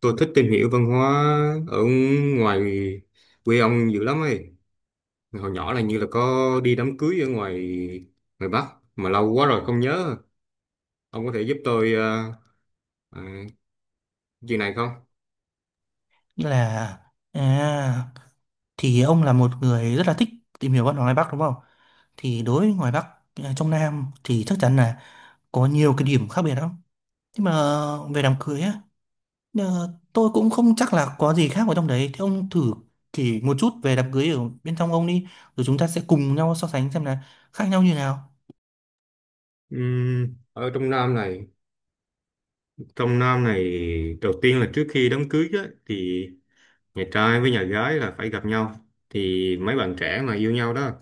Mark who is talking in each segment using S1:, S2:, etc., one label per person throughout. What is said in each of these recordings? S1: Tôi thích tìm hiểu văn hóa ở ngoài quê ông dữ lắm ấy. Hồi nhỏ là như là có đi đám cưới ở ngoài ngoài Bắc mà lâu quá rồi không nhớ. Ông có thể giúp tôi ờ, chuyện này không?
S2: là à, thì ông là một người rất là thích tìm hiểu văn hóa ngoài Bắc đúng không? Thì đối với ngoài Bắc, à, trong Nam thì chắc chắn là có nhiều cái điểm khác biệt lắm. Nhưng mà về đám cưới á, tôi cũng không chắc là có gì khác ở trong đấy. Thì ông thử chỉ một chút về đám cưới ở bên trong ông đi, rồi chúng ta sẽ cùng nhau so sánh xem là khác nhau như nào.
S1: Ở trong Nam này đầu tiên là trước khi đám cưới á, thì nhà trai với nhà gái là phải gặp nhau, thì mấy bạn trẻ mà yêu nhau đó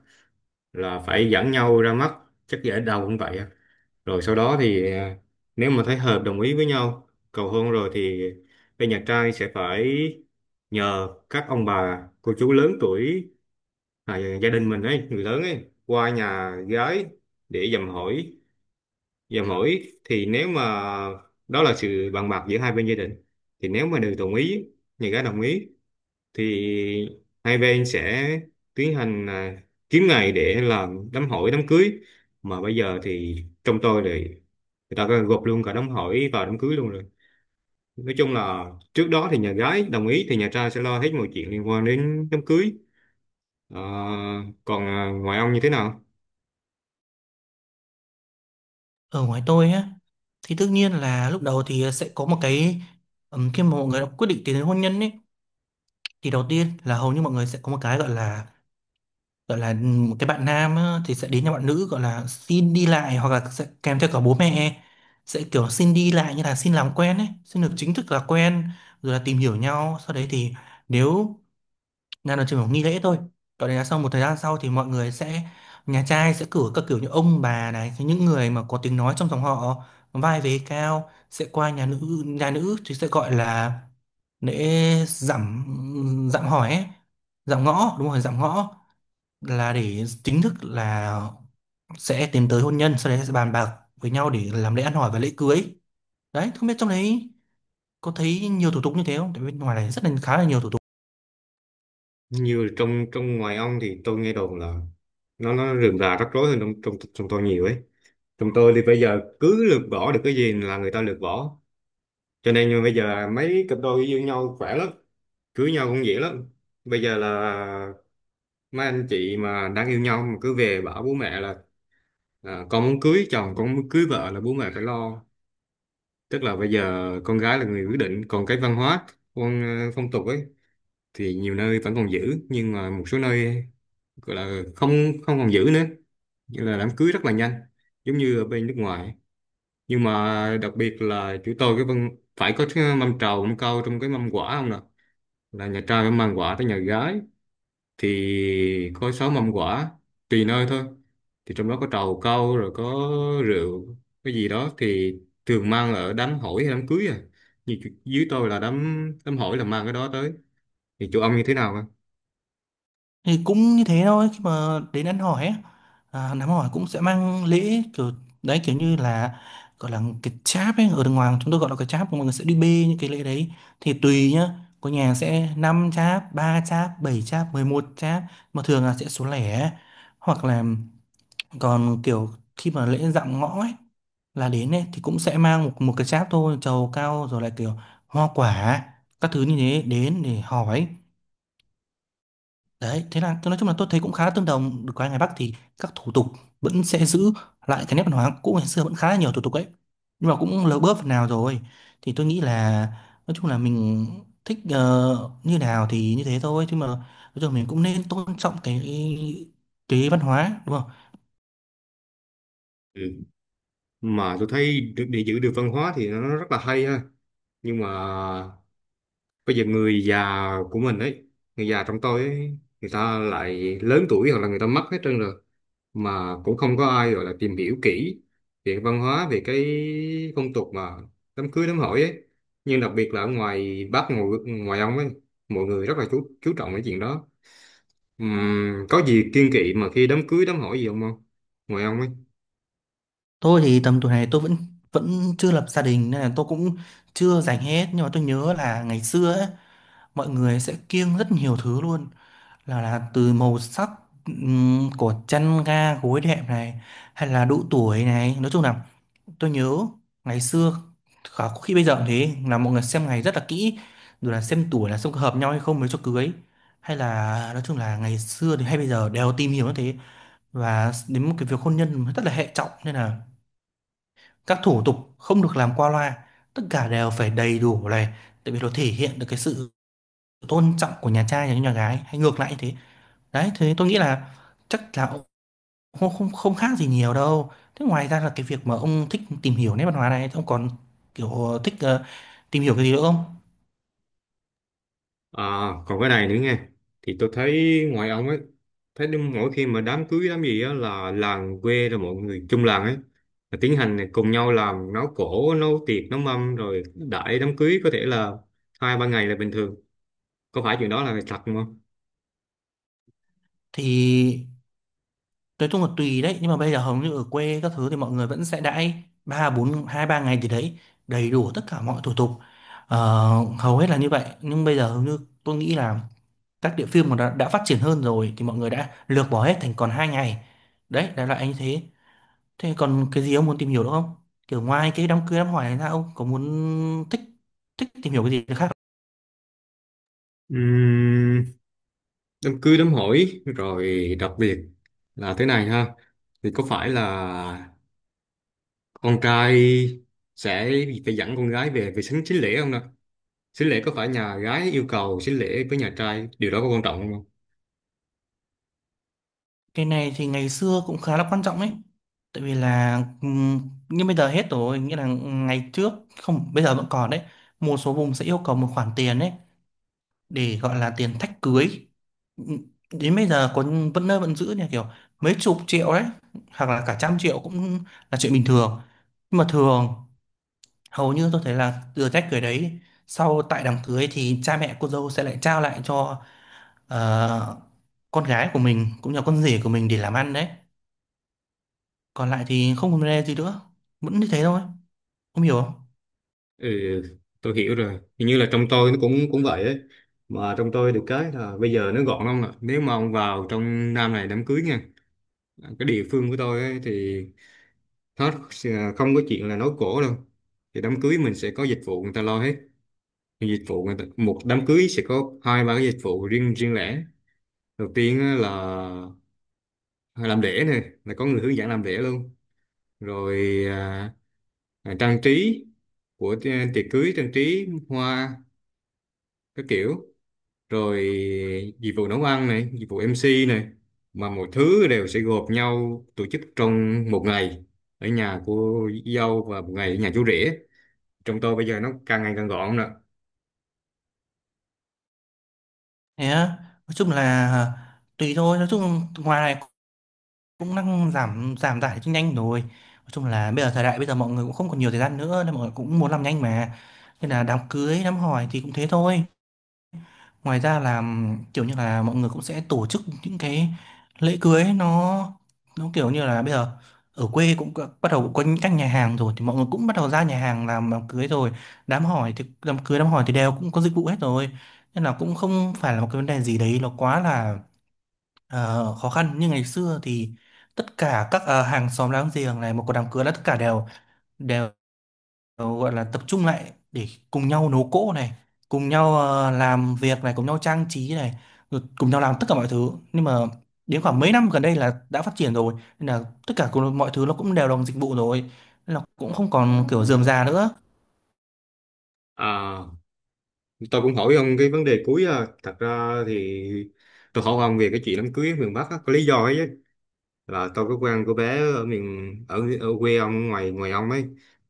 S1: là phải dẫn nhau ra mắt, chắc dễ đầu cũng vậy. Rồi sau đó thì nếu mà thấy hợp đồng ý với nhau cầu hôn rồi thì bên nhà trai sẽ phải nhờ các ông bà cô chú lớn tuổi, gia đình mình ấy, người lớn ấy, qua nhà gái để dầm hỏi. Dầm hỏi thì nếu mà đó là sự bàn bạc giữa hai bên gia đình, thì nếu mà đều đồng ý, nhà gái đồng ý, thì hai bên sẽ tiến hành kiếm ngày để làm đám hỏi đám cưới. Mà bây giờ thì trong tôi thì người ta gộp luôn cả đám hỏi và đám cưới luôn rồi. Nói chung là trước đó thì nhà gái đồng ý thì nhà trai sẽ lo hết mọi chuyện liên quan đến đám cưới. Ờ, còn ngoài ông như thế nào?
S2: Ở ngoài tôi á, thì tất nhiên là lúc đầu thì sẽ có một cái khi mà mọi người đã quyết định tiến đến hôn nhân ấy, thì đầu tiên là hầu như mọi người sẽ có một cái gọi là một cái bạn nam á, thì sẽ đến nhà bạn nữ gọi là xin đi lại hoặc là sẽ kèm theo cả bố mẹ, sẽ kiểu xin đi lại như là xin làm quen ấy, xin được chính thức là quen, rồi là tìm hiểu nhau. Sau đấy thì nếu là nó chỉ một nghi lễ thôi, còn đấy là sau một thời gian sau thì mọi người sẽ, nhà trai sẽ cử các kiểu như ông bà này, những người mà có tiếng nói trong dòng họ, vai vế cao sẽ qua nhà nữ. Nhà nữ thì sẽ gọi là lễ dạm dạm hỏi ấy, dạm ngõ, đúng rồi, dạm ngõ, là để chính thức là sẽ tiến tới hôn nhân. Sau đấy sẽ bàn bạc với nhau để làm lễ ăn hỏi và lễ cưới. Đấy, không biết trong đấy có thấy nhiều thủ tục như thế không, tại bên ngoài này rất là khá là nhiều thủ tục.
S1: Như trong trong ngoài ông thì tôi nghe đồn là nó rườm rà rắc rối hơn trong trong trong tôi nhiều ấy. Trong tôi thì bây giờ cứ lược bỏ được cái gì là người ta lược bỏ, cho nên như bây giờ là mấy cặp đôi yêu nhau khỏe lắm, cưới nhau cũng dễ lắm. Bây giờ là mấy anh chị mà đang yêu nhau mà cứ về bảo bố mẹ là con muốn cưới chồng, con muốn cưới vợ là bố mẹ phải lo. Tức là bây giờ con gái là người quyết định. Còn cái văn hóa, con phong tục ấy, thì nhiều nơi vẫn còn giữ nhưng mà một số nơi gọi là không, không còn giữ nữa, như là đám cưới rất là nhanh giống như ở bên nước ngoài. Nhưng mà đặc biệt là chúng tôi cái văn phải có cái mâm trầu mâm cau trong cái mâm quả không nè, là nhà trai phải mang quả tới nhà gái, thì có sáu mâm quả, tùy nơi thôi. Thì trong đó có trầu cau, rồi có rượu cái gì đó thì thường mang ở đám hỏi hay đám cưới à? Như dưới tôi là đám đám hỏi là mang cái đó tới, thì chỗ ông như thế nào không?
S2: Thì cũng như thế thôi, khi mà đến ăn hỏi ấy, à, đám hỏi cũng sẽ mang lễ, kiểu đấy, kiểu như là gọi là cái cháp ấy. Ở đàng hoàng chúng tôi gọi là cái cháp, mọi người sẽ đi bê những cái lễ đấy, thì tùy nhá, có nhà sẽ 5 cháp, 3 cháp, 7 cháp, 11 cháp, mà thường là sẽ số lẻ. Hoặc là còn kiểu khi mà lễ dạm ngõ ấy là đến ấy thì cũng sẽ mang một một cái cháp thôi, trầu cao rồi lại kiểu hoa quả các thứ như thế đến để hỏi. Đấy thế là tôi nói chung là tôi thấy cũng khá là tương đồng, được cái ngoài Bắc thì các thủ tục vẫn sẽ giữ lại cái nét văn hóa cũ ngày xưa, vẫn khá là nhiều thủ tục ấy, nhưng mà cũng lỡ bớt phần nào rồi. Thì tôi nghĩ là nói chung là mình thích như nào thì như thế thôi, chứ mà nói chung là mình cũng nên tôn trọng cái văn hóa đúng không.
S1: Ừ. Mà tôi thấy để giữ được văn hóa thì nó rất là hay ha, nhưng mà bây giờ người già của mình ấy, người già trong tôi ấy, người ta lại lớn tuổi hoặc là người ta mất hết trơn rồi, mà cũng không có ai gọi là tìm hiểu kỹ về cái văn hóa, về cái phong tục mà đám cưới đám hỏi ấy. Nhưng đặc biệt là ở ngoài Bắc ngoài, ngoài ông ấy, mọi người rất là chú trọng cái chuyện đó. Có gì kiêng kỵ mà khi đám cưới đám hỏi gì không, không ngoài ông ấy?
S2: Tôi thì tầm tuổi này tôi vẫn vẫn chưa lập gia đình nên là tôi cũng chưa dành hết, nhưng mà tôi nhớ là ngày xưa ấy, mọi người sẽ kiêng rất nhiều thứ luôn, là từ màu sắc, của chăn ga gối đệm này, hay là độ tuổi này, nói chung là tôi nhớ ngày xưa khả có khi bây giờ cũng thế là mọi người xem ngày rất là kỹ, rồi là xem tuổi, là xem có hợp nhau hay không mới cho cưới. Hay là nói chung là ngày xưa thì hay bây giờ đều tìm hiểu như thế, và đến một cái việc hôn nhân rất là hệ trọng nên là các thủ tục không được làm qua loa, tất cả đều phải đầy đủ này, tại vì nó thể hiện được cái sự tôn trọng của nhà trai dành cho nhà gái hay ngược lại như thế. Đấy thế tôi nghĩ là chắc là ông không không không khác gì nhiều đâu. Thế ngoài ra là cái việc mà ông thích tìm hiểu nét văn hóa này, ông còn kiểu thích tìm hiểu cái gì nữa không?
S1: À, còn cái này nữa nghe, thì tôi thấy ngoài ông ấy, thấy đúng mỗi khi mà đám cưới đám gì á là làng quê rồi mọi người chung làng ấy là tiến hành cùng nhau làm nấu cỗ nấu tiệc nấu mâm rồi đãi đám cưới có thể là hai ba ngày là bình thường, có phải chuyện đó là thật không?
S2: Thì nói chung là tùy đấy, nhưng mà bây giờ hầu như ở quê các thứ thì mọi người vẫn sẽ đãi ba bốn hai ba ngày gì đấy, đầy đủ tất cả mọi thủ tục. Ờ, hầu hết là như vậy, nhưng bây giờ hầu như tôi nghĩ là các địa phương mà đã phát triển hơn rồi thì mọi người đã lược bỏ hết thành còn hai ngày. Đấy đại loại anh thế. Thế còn cái gì ông muốn tìm hiểu nữa không, kiểu ngoài cái đám cưới đám hỏi này ra ông có muốn thích thích tìm hiểu cái gì khác không?
S1: Ừm, Đám cưới đám hỏi rồi đặc biệt là thế này ha, thì có phải là con trai sẽ phải dẫn con gái về về sính sính lễ không nè? Xính lễ có phải nhà gái yêu cầu xính lễ với nhà trai, điều đó có quan trọng không?
S2: Cái này thì ngày xưa cũng khá là quan trọng ấy, tại vì là ừm, nhưng bây giờ hết rồi, nghĩa là ngày trước, không bây giờ vẫn còn đấy, một số vùng sẽ yêu cầu một khoản tiền đấy để gọi là tiền thách cưới. Ừ, đến bây giờ còn vẫn nơi vẫn giữ nha, kiểu mấy chục triệu đấy, hoặc là cả trăm triệu cũng là chuyện bình thường. Nhưng mà thường hầu như tôi thấy là từ thách cưới đấy, sau tại đám cưới thì cha mẹ cô dâu sẽ lại trao lại cho ờ, con gái của mình cũng như con rể của mình để làm ăn đấy. Còn lại thì không vấn đề gì nữa, vẫn như thế thôi, không hiểu không.
S1: Ừ, tôi hiểu rồi. Hình như là trong tôi nó cũng cũng vậy ấy. Mà trong tôi được cái là bây giờ nó gọn lắm ạ. Nếu mà ông vào trong Nam này đám cưới nha, cái địa phương của tôi ấy, thì nó sẽ không có chuyện là nói cổ đâu. Thì đám cưới mình sẽ có dịch vụ người ta lo hết. Thì dịch vụ người ta, một đám cưới sẽ có hai ba cái dịch vụ riêng, riêng lẻ. Đầu tiên á là làm lễ này, là có người hướng dẫn làm lễ luôn. Rồi trang trí của tiệc cưới, trang trí hoa các kiểu, rồi dịch vụ nấu ăn này, dịch vụ MC này, mà mọi thứ đều sẽ gộp nhau tổ chức trong một ngày ở nhà cô dâu và một ngày ở nhà chú rể. Trong tôi bây giờ nó càng ngày càng gọn nữa.
S2: Thế á, nói chung là tùy thôi, nói chung ngoài này cũng đang giảm giảm tải cho nhanh rồi. Nói chung là bây giờ thời đại bây giờ mọi người cũng không còn nhiều thời gian nữa nên mọi người cũng muốn làm nhanh mà, nên là đám cưới đám hỏi thì cũng thế thôi. Ngoài ra là kiểu như là mọi người cũng sẽ tổ chức những cái lễ cưới, nó kiểu như là bây giờ ở quê cũng có- bắt đầu cũng có những các nhà hàng rồi, thì mọi người cũng bắt đầu ra nhà hàng làm đám cưới rồi. Đám hỏi thì đám cưới đám hỏi thì đều cũng có dịch vụ hết rồi, nên là cũng không phải là một cái vấn đề gì đấy nó quá là, ờ, khó khăn như ngày xưa. Thì tất cả các hàng xóm láng giềng này, một có đám cưới là tất cả đều đều gọi là tập trung lại để cùng nhau nấu cỗ này, cùng nhau làm việc này, cùng nhau trang trí này, rồi cùng nhau làm tất cả mọi thứ. Nhưng mà đến khoảng mấy năm gần đây là đã phát triển rồi, nên là tất cả cùng- mọi thứ nó cũng đều bằng dịch vụ rồi, nên là cũng không còn kiểu rườm rà nữa.
S1: À, tôi cũng hỏi ông cái vấn đề cuối à. Thật ra thì tôi hỏi ông về cái chuyện đám cưới ở miền Bắc á, có lý do ấy chứ. Là tôi có quen cô bé ở ở quê ông, ngoài ngoài ông ấy,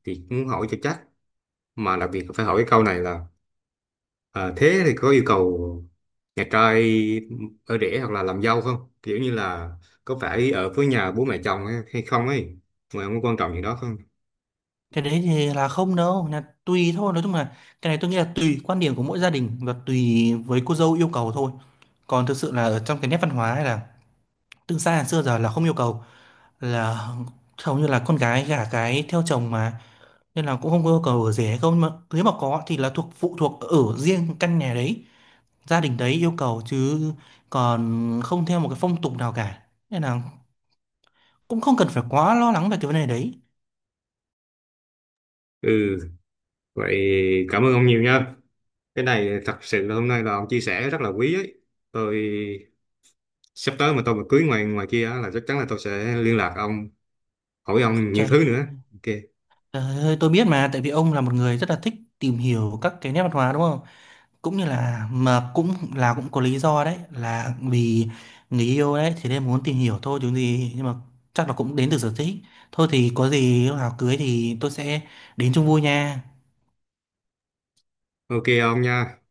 S1: thì muốn hỏi cho chắc. Mà đặc biệt phải hỏi cái câu này là ờ, thế thì có yêu cầu nhà trai ở rể hoặc là làm dâu không, kiểu như là có phải ở với nhà bố mẹ chồng hay hay không ấy, mà không có quan trọng gì đó không?
S2: Cái đấy thì là không đâu, là tùy thôi. Nói chung là cái này tôi nghĩ là tùy quan điểm của mỗi gia đình và tùy với cô dâu yêu cầu thôi. Còn thực sự là ở trong cái nét văn hóa hay là từ xa xưa giờ là không yêu cầu, là hầu như là con gái gả cái theo chồng mà, nên là cũng không có yêu cầu ở rể hay không. Nhưng mà nếu mà có thì là thuộc phụ thuộc ở riêng căn nhà đấy, gia đình đấy yêu cầu, chứ còn không theo một cái phong tục nào cả, nên là cũng không cần phải quá lo lắng về cái vấn đề đấy.
S1: Ừ. Vậy cảm ơn ông nhiều nha. Cái này thật sự là hôm nay là ông chia sẻ rất là quý ấy. Tôi sắp tới mà tôi mà cưới ngoài ngoài kia á là chắc chắn là tôi sẽ liên lạc ông, hỏi ông nhiều
S2: Trời.
S1: thứ nữa. OK.
S2: Trời ơi, tôi biết mà, tại vì ông là một người rất là thích tìm hiểu các cái nét văn hóa đúng không? Cũng như là mà cũng là cũng có lý do đấy, là vì người yêu đấy thì nên muốn tìm hiểu thôi chứ gì, nhưng mà chắc là cũng đến từ sở thích. Thôi thì có gì lúc nào cưới thì tôi sẽ đến chung vui nha.
S1: OK ông nha.